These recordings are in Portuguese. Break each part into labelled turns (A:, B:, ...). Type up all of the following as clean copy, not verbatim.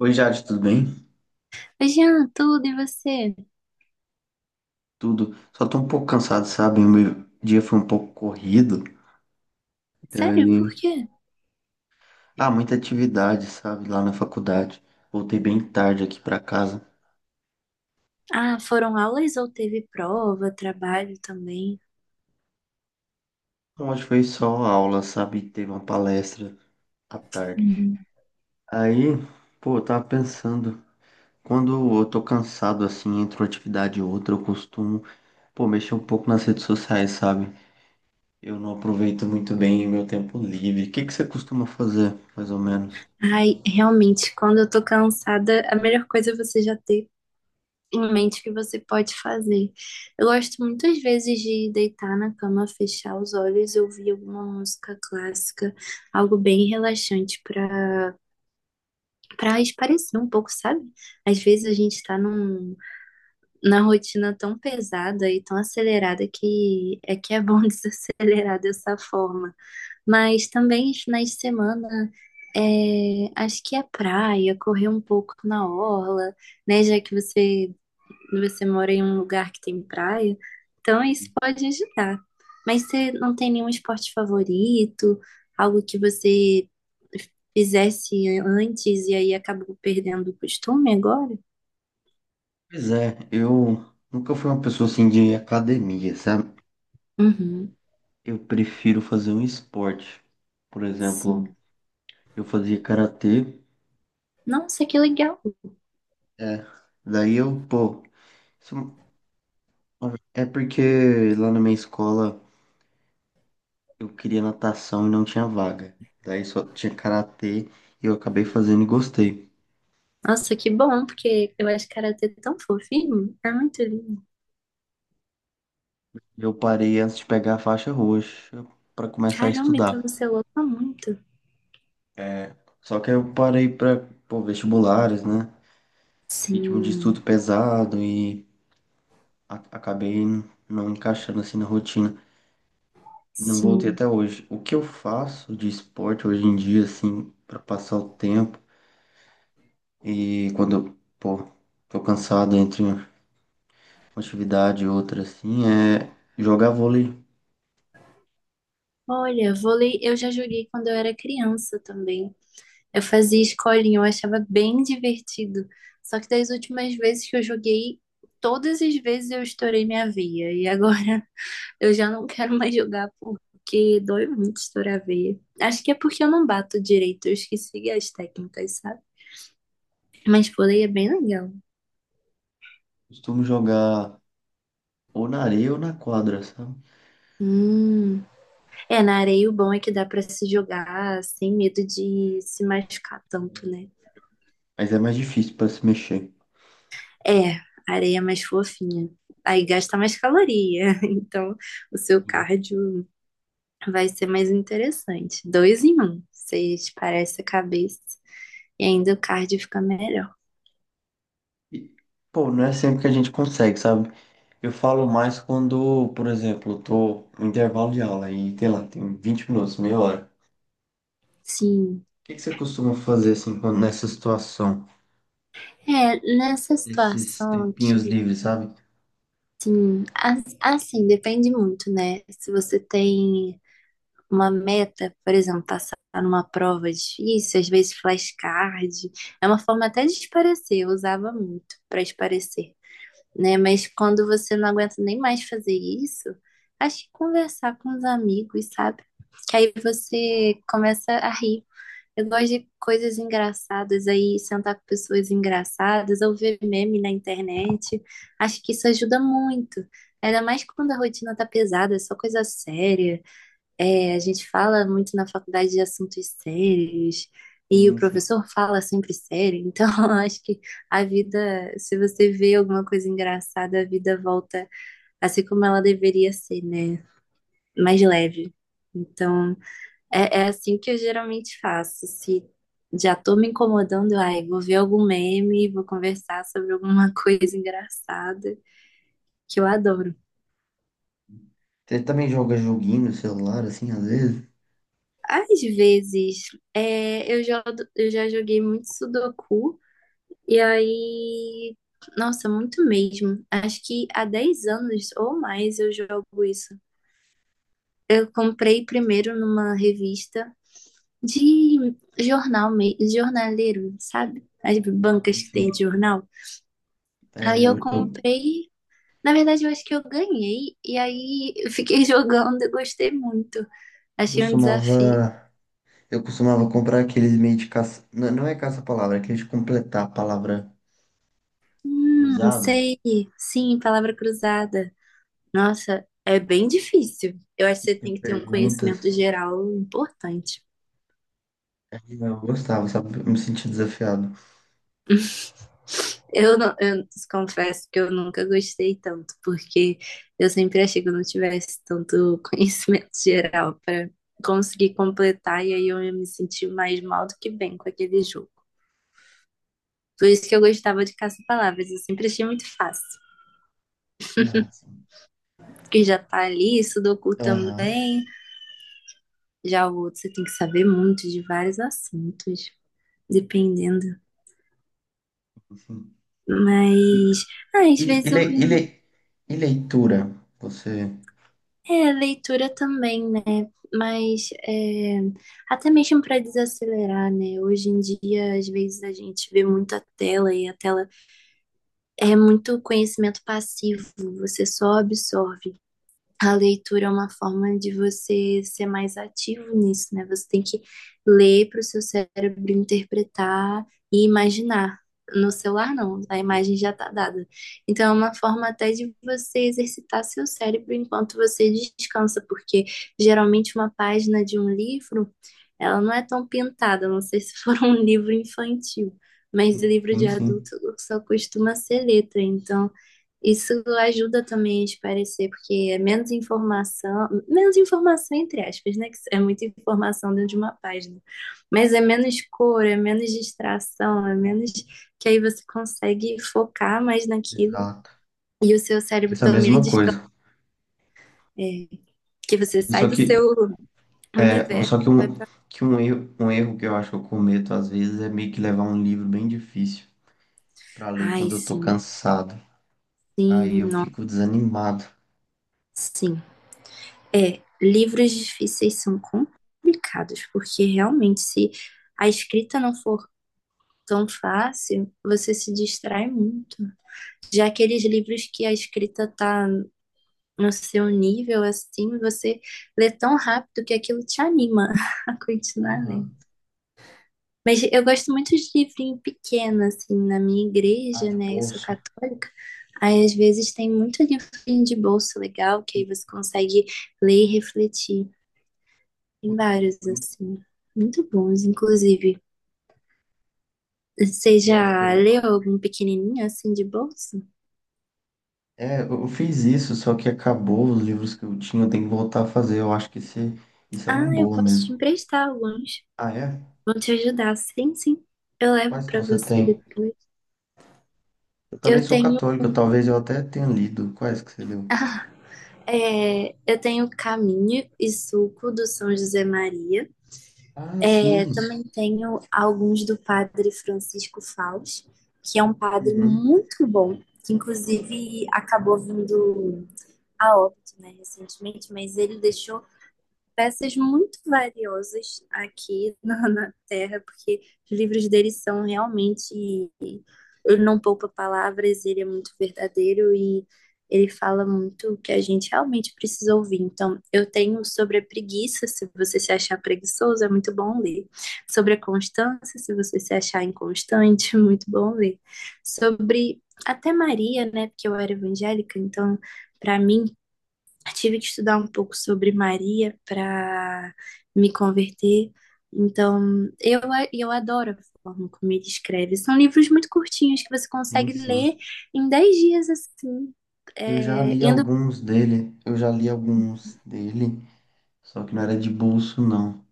A: Oi, Jade, tudo bem?
B: Oi, Jean, tudo e você?
A: Tudo. Só tô um pouco cansado, sabe? O meu dia foi um pouco corrido.
B: Sério, por
A: Daí.
B: quê?
A: Ah, muita atividade, sabe? Lá na faculdade. Voltei bem tarde aqui pra casa.
B: Ah, foram aulas ou teve prova, trabalho também?
A: Então, hoje foi só aula, sabe? Teve uma palestra à tarde.
B: Hum.
A: Aí, pô, eu tava pensando. Quando eu tô cansado, assim, entre uma atividade e outra, eu costumo, pô, mexer um pouco nas redes sociais, sabe? Eu não aproveito muito bem o meu tempo livre. O que que você costuma fazer, mais ou menos?
B: Ai, realmente, quando eu tô cansada, a melhor coisa é você já ter em mente o que você pode fazer. Eu gosto muitas vezes de deitar na cama, fechar os olhos e ouvir alguma música clássica, algo bem relaxante para espairecer um pouco, sabe? Às vezes a gente tá num na rotina tão pesada e tão acelerada que é bom desacelerar dessa forma. Mas também os finais de semana, é, acho que é praia, correr um pouco na orla, né? Já que você mora em um lugar que tem praia, então isso pode ajudar. Mas você não tem nenhum esporte favorito, algo que você fizesse antes e aí acabou perdendo o costume agora?
A: Pois é, eu nunca fui uma pessoa assim de academia, sabe?
B: Uhum,
A: Eu prefiro fazer um esporte. Por exemplo,
B: sim.
A: eu fazia karatê,
B: Nossa, que legal.
A: é. Daí eu, pô, isso é porque lá na minha escola eu queria natação e não tinha vaga. Daí só tinha karatê e eu acabei fazendo e gostei.
B: Nossa, que bom, porque eu acho karatê é tão fofinho. É muito lindo.
A: Eu parei antes de pegar a faixa roxa pra começar a
B: Caramba, então
A: estudar.
B: você luta muito.
A: É, só que aí eu parei pra, pô, vestibulares, né? Ritmo de
B: Sim,
A: estudo pesado e acabei não encaixando assim na rotina e não voltei
B: sim.
A: até hoje. O que eu faço de esporte hoje em dia, assim, para passar o tempo e quando eu, pô, tô cansado entre uma atividade e outra, assim, é jogar vôlei.
B: Olha, vôlei eu já joguei quando eu era criança também. Eu fazia escolinha, eu achava bem divertido. Só que das últimas vezes que eu joguei, todas as vezes eu estourei minha veia. E agora eu já não quero mais jogar porque dói muito estourar a veia. Acho que é porque eu não bato direito, eu esqueci as técnicas, sabe? Mas por aí é bem legal.
A: Costumo jogar ou na areia ou na quadra, sabe?
B: Hum. É, na areia o bom é que dá pra se jogar sem medo de se machucar tanto, né?
A: Mas é mais difícil para se mexer.
B: É, a areia é mais fofinha. Aí gasta mais caloria, então o seu
A: Sim.
B: cardio vai ser mais interessante. Dois em um, você parece a cabeça e ainda o cardio fica melhor.
A: E, pô, não é sempre que a gente consegue, sabe? Eu falo mais quando, por exemplo, eu tô no intervalo de aula e, sei lá, tem 20 minutos, meia hora.
B: Sim,
A: Que você costuma fazer assim quando- nessa situação?
B: é, nessa
A: Esses
B: situação
A: tempinhos
B: aqui,
A: livres, sabe?
B: sim, assim, depende muito, né? Se você tem uma meta, por exemplo, passar numa prova difícil, às vezes flashcard, é uma forma até de esparecer, eu usava muito para esparecer, né? Mas quando você não aguenta nem mais fazer isso, acho que conversar com os amigos, sabe? Que aí você começa a rir. Eu gosto de coisas engraçadas aí, sentar com pessoas engraçadas, ou ver meme na internet. Acho que isso ajuda muito. Ainda mais quando a rotina tá pesada, é só coisa séria. É, a gente fala muito na faculdade de assuntos sérios e o
A: Sim, sim.
B: professor fala sempre sério, então eu acho que a vida, se você vê alguma coisa engraçada, a vida volta a ser como ela deveria ser, né? Mais leve. Então, é assim que eu geralmente faço. Se já tô me incomodando, ai, vou ver algum meme, vou conversar sobre alguma coisa engraçada, que eu adoro.
A: Você também joga joguinho no celular, assim, às vezes?
B: Às vezes, é, eu já joguei muito Sudoku. E aí, nossa, muito mesmo. Acho que há 10 anos ou mais eu jogo isso. Eu comprei primeiro numa revista de jornal, jornaleiro, sabe? As bancas que tem de
A: Sim.
B: jornal.
A: É,
B: Aí
A: eu,
B: eu
A: eu
B: comprei, na verdade eu acho que eu ganhei, e aí eu fiquei jogando e gostei muito. Achei um desafio.
A: costumava. Eu costumava comprar aqueles meio de caça. Não, não é caça-palavra, é aqueles de completar a palavra cruzada,
B: Sei, sim, palavra cruzada. Nossa, é bem difícil. Eu acho que
A: que
B: você
A: tem
B: tem que ter um conhecimento
A: perguntas.
B: geral importante.
A: Aí eu gostava, sabe? Eu me sentia desafiado.
B: Eu, não, eu confesso que eu nunca gostei tanto, porque eu sempre achei que eu não tivesse tanto conhecimento geral para conseguir completar, e aí eu ia me sentir mais mal do que bem com aquele jogo. Por isso que eu gostava de caça-palavras, eu sempre achei muito fácil.
A: Ah, sim.
B: Porque já tá ali, Sudoku
A: Aham.
B: também, já o outro você tem que saber muito de vários assuntos, dependendo.
A: Sim. E,
B: Mas ah, às
A: e, e,
B: vezes eu
A: le-
B: vi
A: e le- e leitura? Você.
B: é, leitura também, né? Mas é, até mesmo para desacelerar, né? Hoje em dia, às vezes a gente vê muita tela e a tela é muito conhecimento passivo, você só absorve. A leitura é uma forma de você ser mais ativo nisso, né? Você tem que ler para o seu cérebro interpretar e imaginar. No celular, não, a imagem já está dada. Então, é uma forma até de você exercitar seu cérebro enquanto você descansa, porque geralmente uma página de um livro, ela não é tão pintada, não sei se for um livro infantil, mas livro de
A: Sim, sim.
B: adulto só costuma ser letra. Então, isso ajuda também a esclarecer, porque é menos informação entre aspas, né? Que é muita informação dentro de uma página. Mas é menos cor, é menos distração, é menos que aí você consegue focar mais naquilo
A: Exato.
B: e o seu cérebro
A: Penso a
B: também
A: mesma
B: descansa,
A: coisa.
B: é, que você sai
A: Só
B: do
A: que
B: seu
A: é,
B: universo.
A: só que um erro que eu acho que eu cometo às vezes é meio que levar um livro bem difícil pra ler
B: Ai,
A: quando eu tô
B: sim,
A: cansado.
B: sim,
A: Aí eu fico desanimado.
B: sim. É, livros difíceis são complicados, porque realmente se a escrita não for tão fácil, você se distrai muito. Já aqueles livros que a escrita tá no seu nível, assim, você lê tão rápido que aquilo te anima a continuar lendo.
A: Aham.
B: Mas eu gosto muito de livrinho pequeno, assim, na minha
A: Ah,
B: igreja,
A: de
B: né? Eu sou
A: bolso.
B: católica. Aí, às vezes, tem muito livrinho de bolso legal, que aí você consegue ler e refletir. Tem vários, assim, muito bons, inclusive. Você
A: Eu acho que
B: já
A: eu...
B: leu algum pequenininho, assim, de bolso?
A: É, eu fiz isso, só que acabou os livros que eu tinha, eu tenho que voltar a fazer. Eu acho que esse, isso é
B: Ah,
A: uma
B: eu
A: boa
B: posso te
A: mesmo.
B: emprestar alguns.
A: Ah, é?
B: Vão te ajudar. Sim, sim. Eu levo
A: Quais que
B: pra
A: você
B: você
A: tem?
B: depois.
A: Eu também
B: Eu
A: sou
B: tenho,
A: católico, talvez eu até tenha lido. Quais que você leu?
B: eu tenho caminho e suco do São José Maria.
A: Ah,
B: Eu
A: sim.
B: também tenho alguns do Padre Francisco Fausto, que é um padre
A: Uhum.
B: muito bom, que inclusive acabou vindo a óbito, né, recentemente, mas ele deixou peças muito valiosas aqui na Terra, porque os livros dele são realmente. Ele não poupa palavras, ele é muito verdadeiro e ele fala muito o que a gente realmente precisa ouvir. Então, eu tenho sobre a preguiça, se você se achar preguiçoso, é muito bom ler. Sobre a constância, se você se achar inconstante, é muito bom ler. Sobre até Maria, né? Porque eu era evangélica, então para mim tive que estudar um pouco sobre Maria para me converter. Então, eu adoro a forma como ele escreve. São livros muito curtinhos que você
A: Sim,
B: consegue
A: sim.
B: ler em 10 dias, assim,
A: Eu já
B: é,
A: li
B: indo.
A: alguns dele, eu já li alguns dele, só que não era de bolso, não.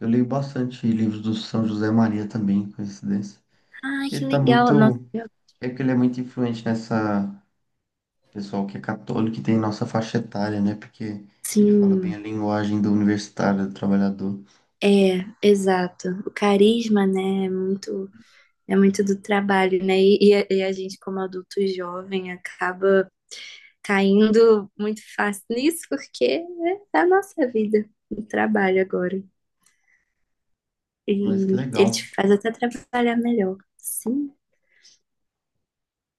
A: Eu leio bastante livros do São José Maria também, coincidência.
B: Ai,
A: Porque
B: que
A: ele tá
B: legal! Nossa,
A: muito. É que ele é muito influente nessa pessoal que é católico e tem nossa faixa etária, né? Porque ele fala bem
B: sim,
A: a linguagem do universitário, do trabalhador.
B: exato. O carisma, né, é muito, do trabalho, né? E a gente, como adulto jovem, acaba caindo muito fácil nisso, porque é a nossa vida, o trabalho agora. E
A: Mas que
B: ele te
A: legal.
B: faz até trabalhar melhor. Sim,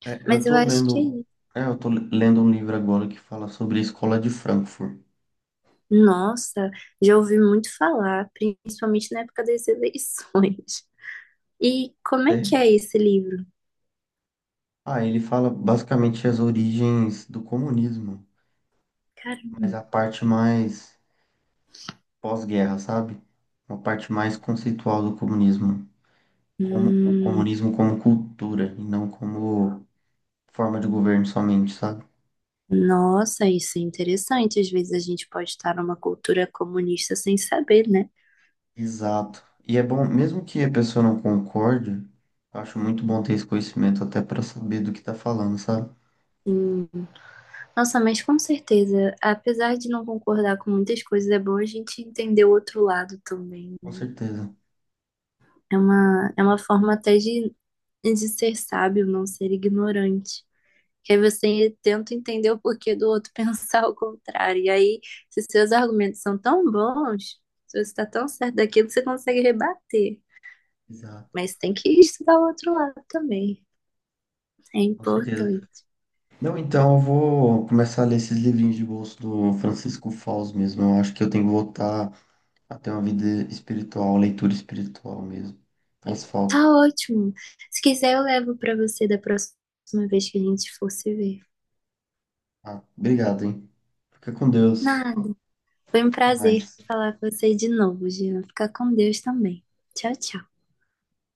A: É, eu
B: mas eu
A: tô
B: acho que é
A: lendo. É, eu tô lendo um livro agora que fala sobre a escola de Frankfurt.
B: Nossa, já ouvi muito falar, principalmente na época das eleições. E como é que é esse livro?
A: Ah, ele fala basicamente as origens do comunismo,
B: Cara,
A: mas a parte mais pós-guerra, sabe? Uma parte mais conceitual do comunismo, como o
B: hum,
A: comunismo como cultura e não como forma de governo somente, sabe?
B: nossa, isso é interessante. Às vezes a gente pode estar numa cultura comunista sem saber, né?
A: Exato. E é bom, mesmo que a pessoa não concorde, eu acho muito bom ter esse conhecimento até para saber do que tá falando, sabe?
B: Hum, nossa, mas com certeza, apesar de não concordar com muitas coisas, é bom a gente entender o outro lado também,
A: Com
B: né?
A: certeza.
B: É uma forma até de ser sábio, não ser ignorante. Que aí você tenta entender o porquê do outro pensar o contrário. E aí, se seus argumentos são tão bons, se você está tão certo daquilo, você consegue rebater.
A: Exato.
B: Mas tem que estudar o outro lado também. É
A: Com certeza.
B: importante.
A: Não, então eu vou começar a ler esses livrinhos de bolso do Francisco Fausto mesmo. Eu acho que eu tenho que voltar até uma vida espiritual, leitura espiritual mesmo. Faz
B: Tá
A: falta.
B: ótimo. Se quiser, eu levo para você da próxima vez que a gente for se ver.
A: Ah, obrigado, hein? Fica com Deus.
B: Nada. Foi um
A: Até
B: prazer
A: mais.
B: falar com você de novo, Gina. Fica com Deus também. Tchau, tchau.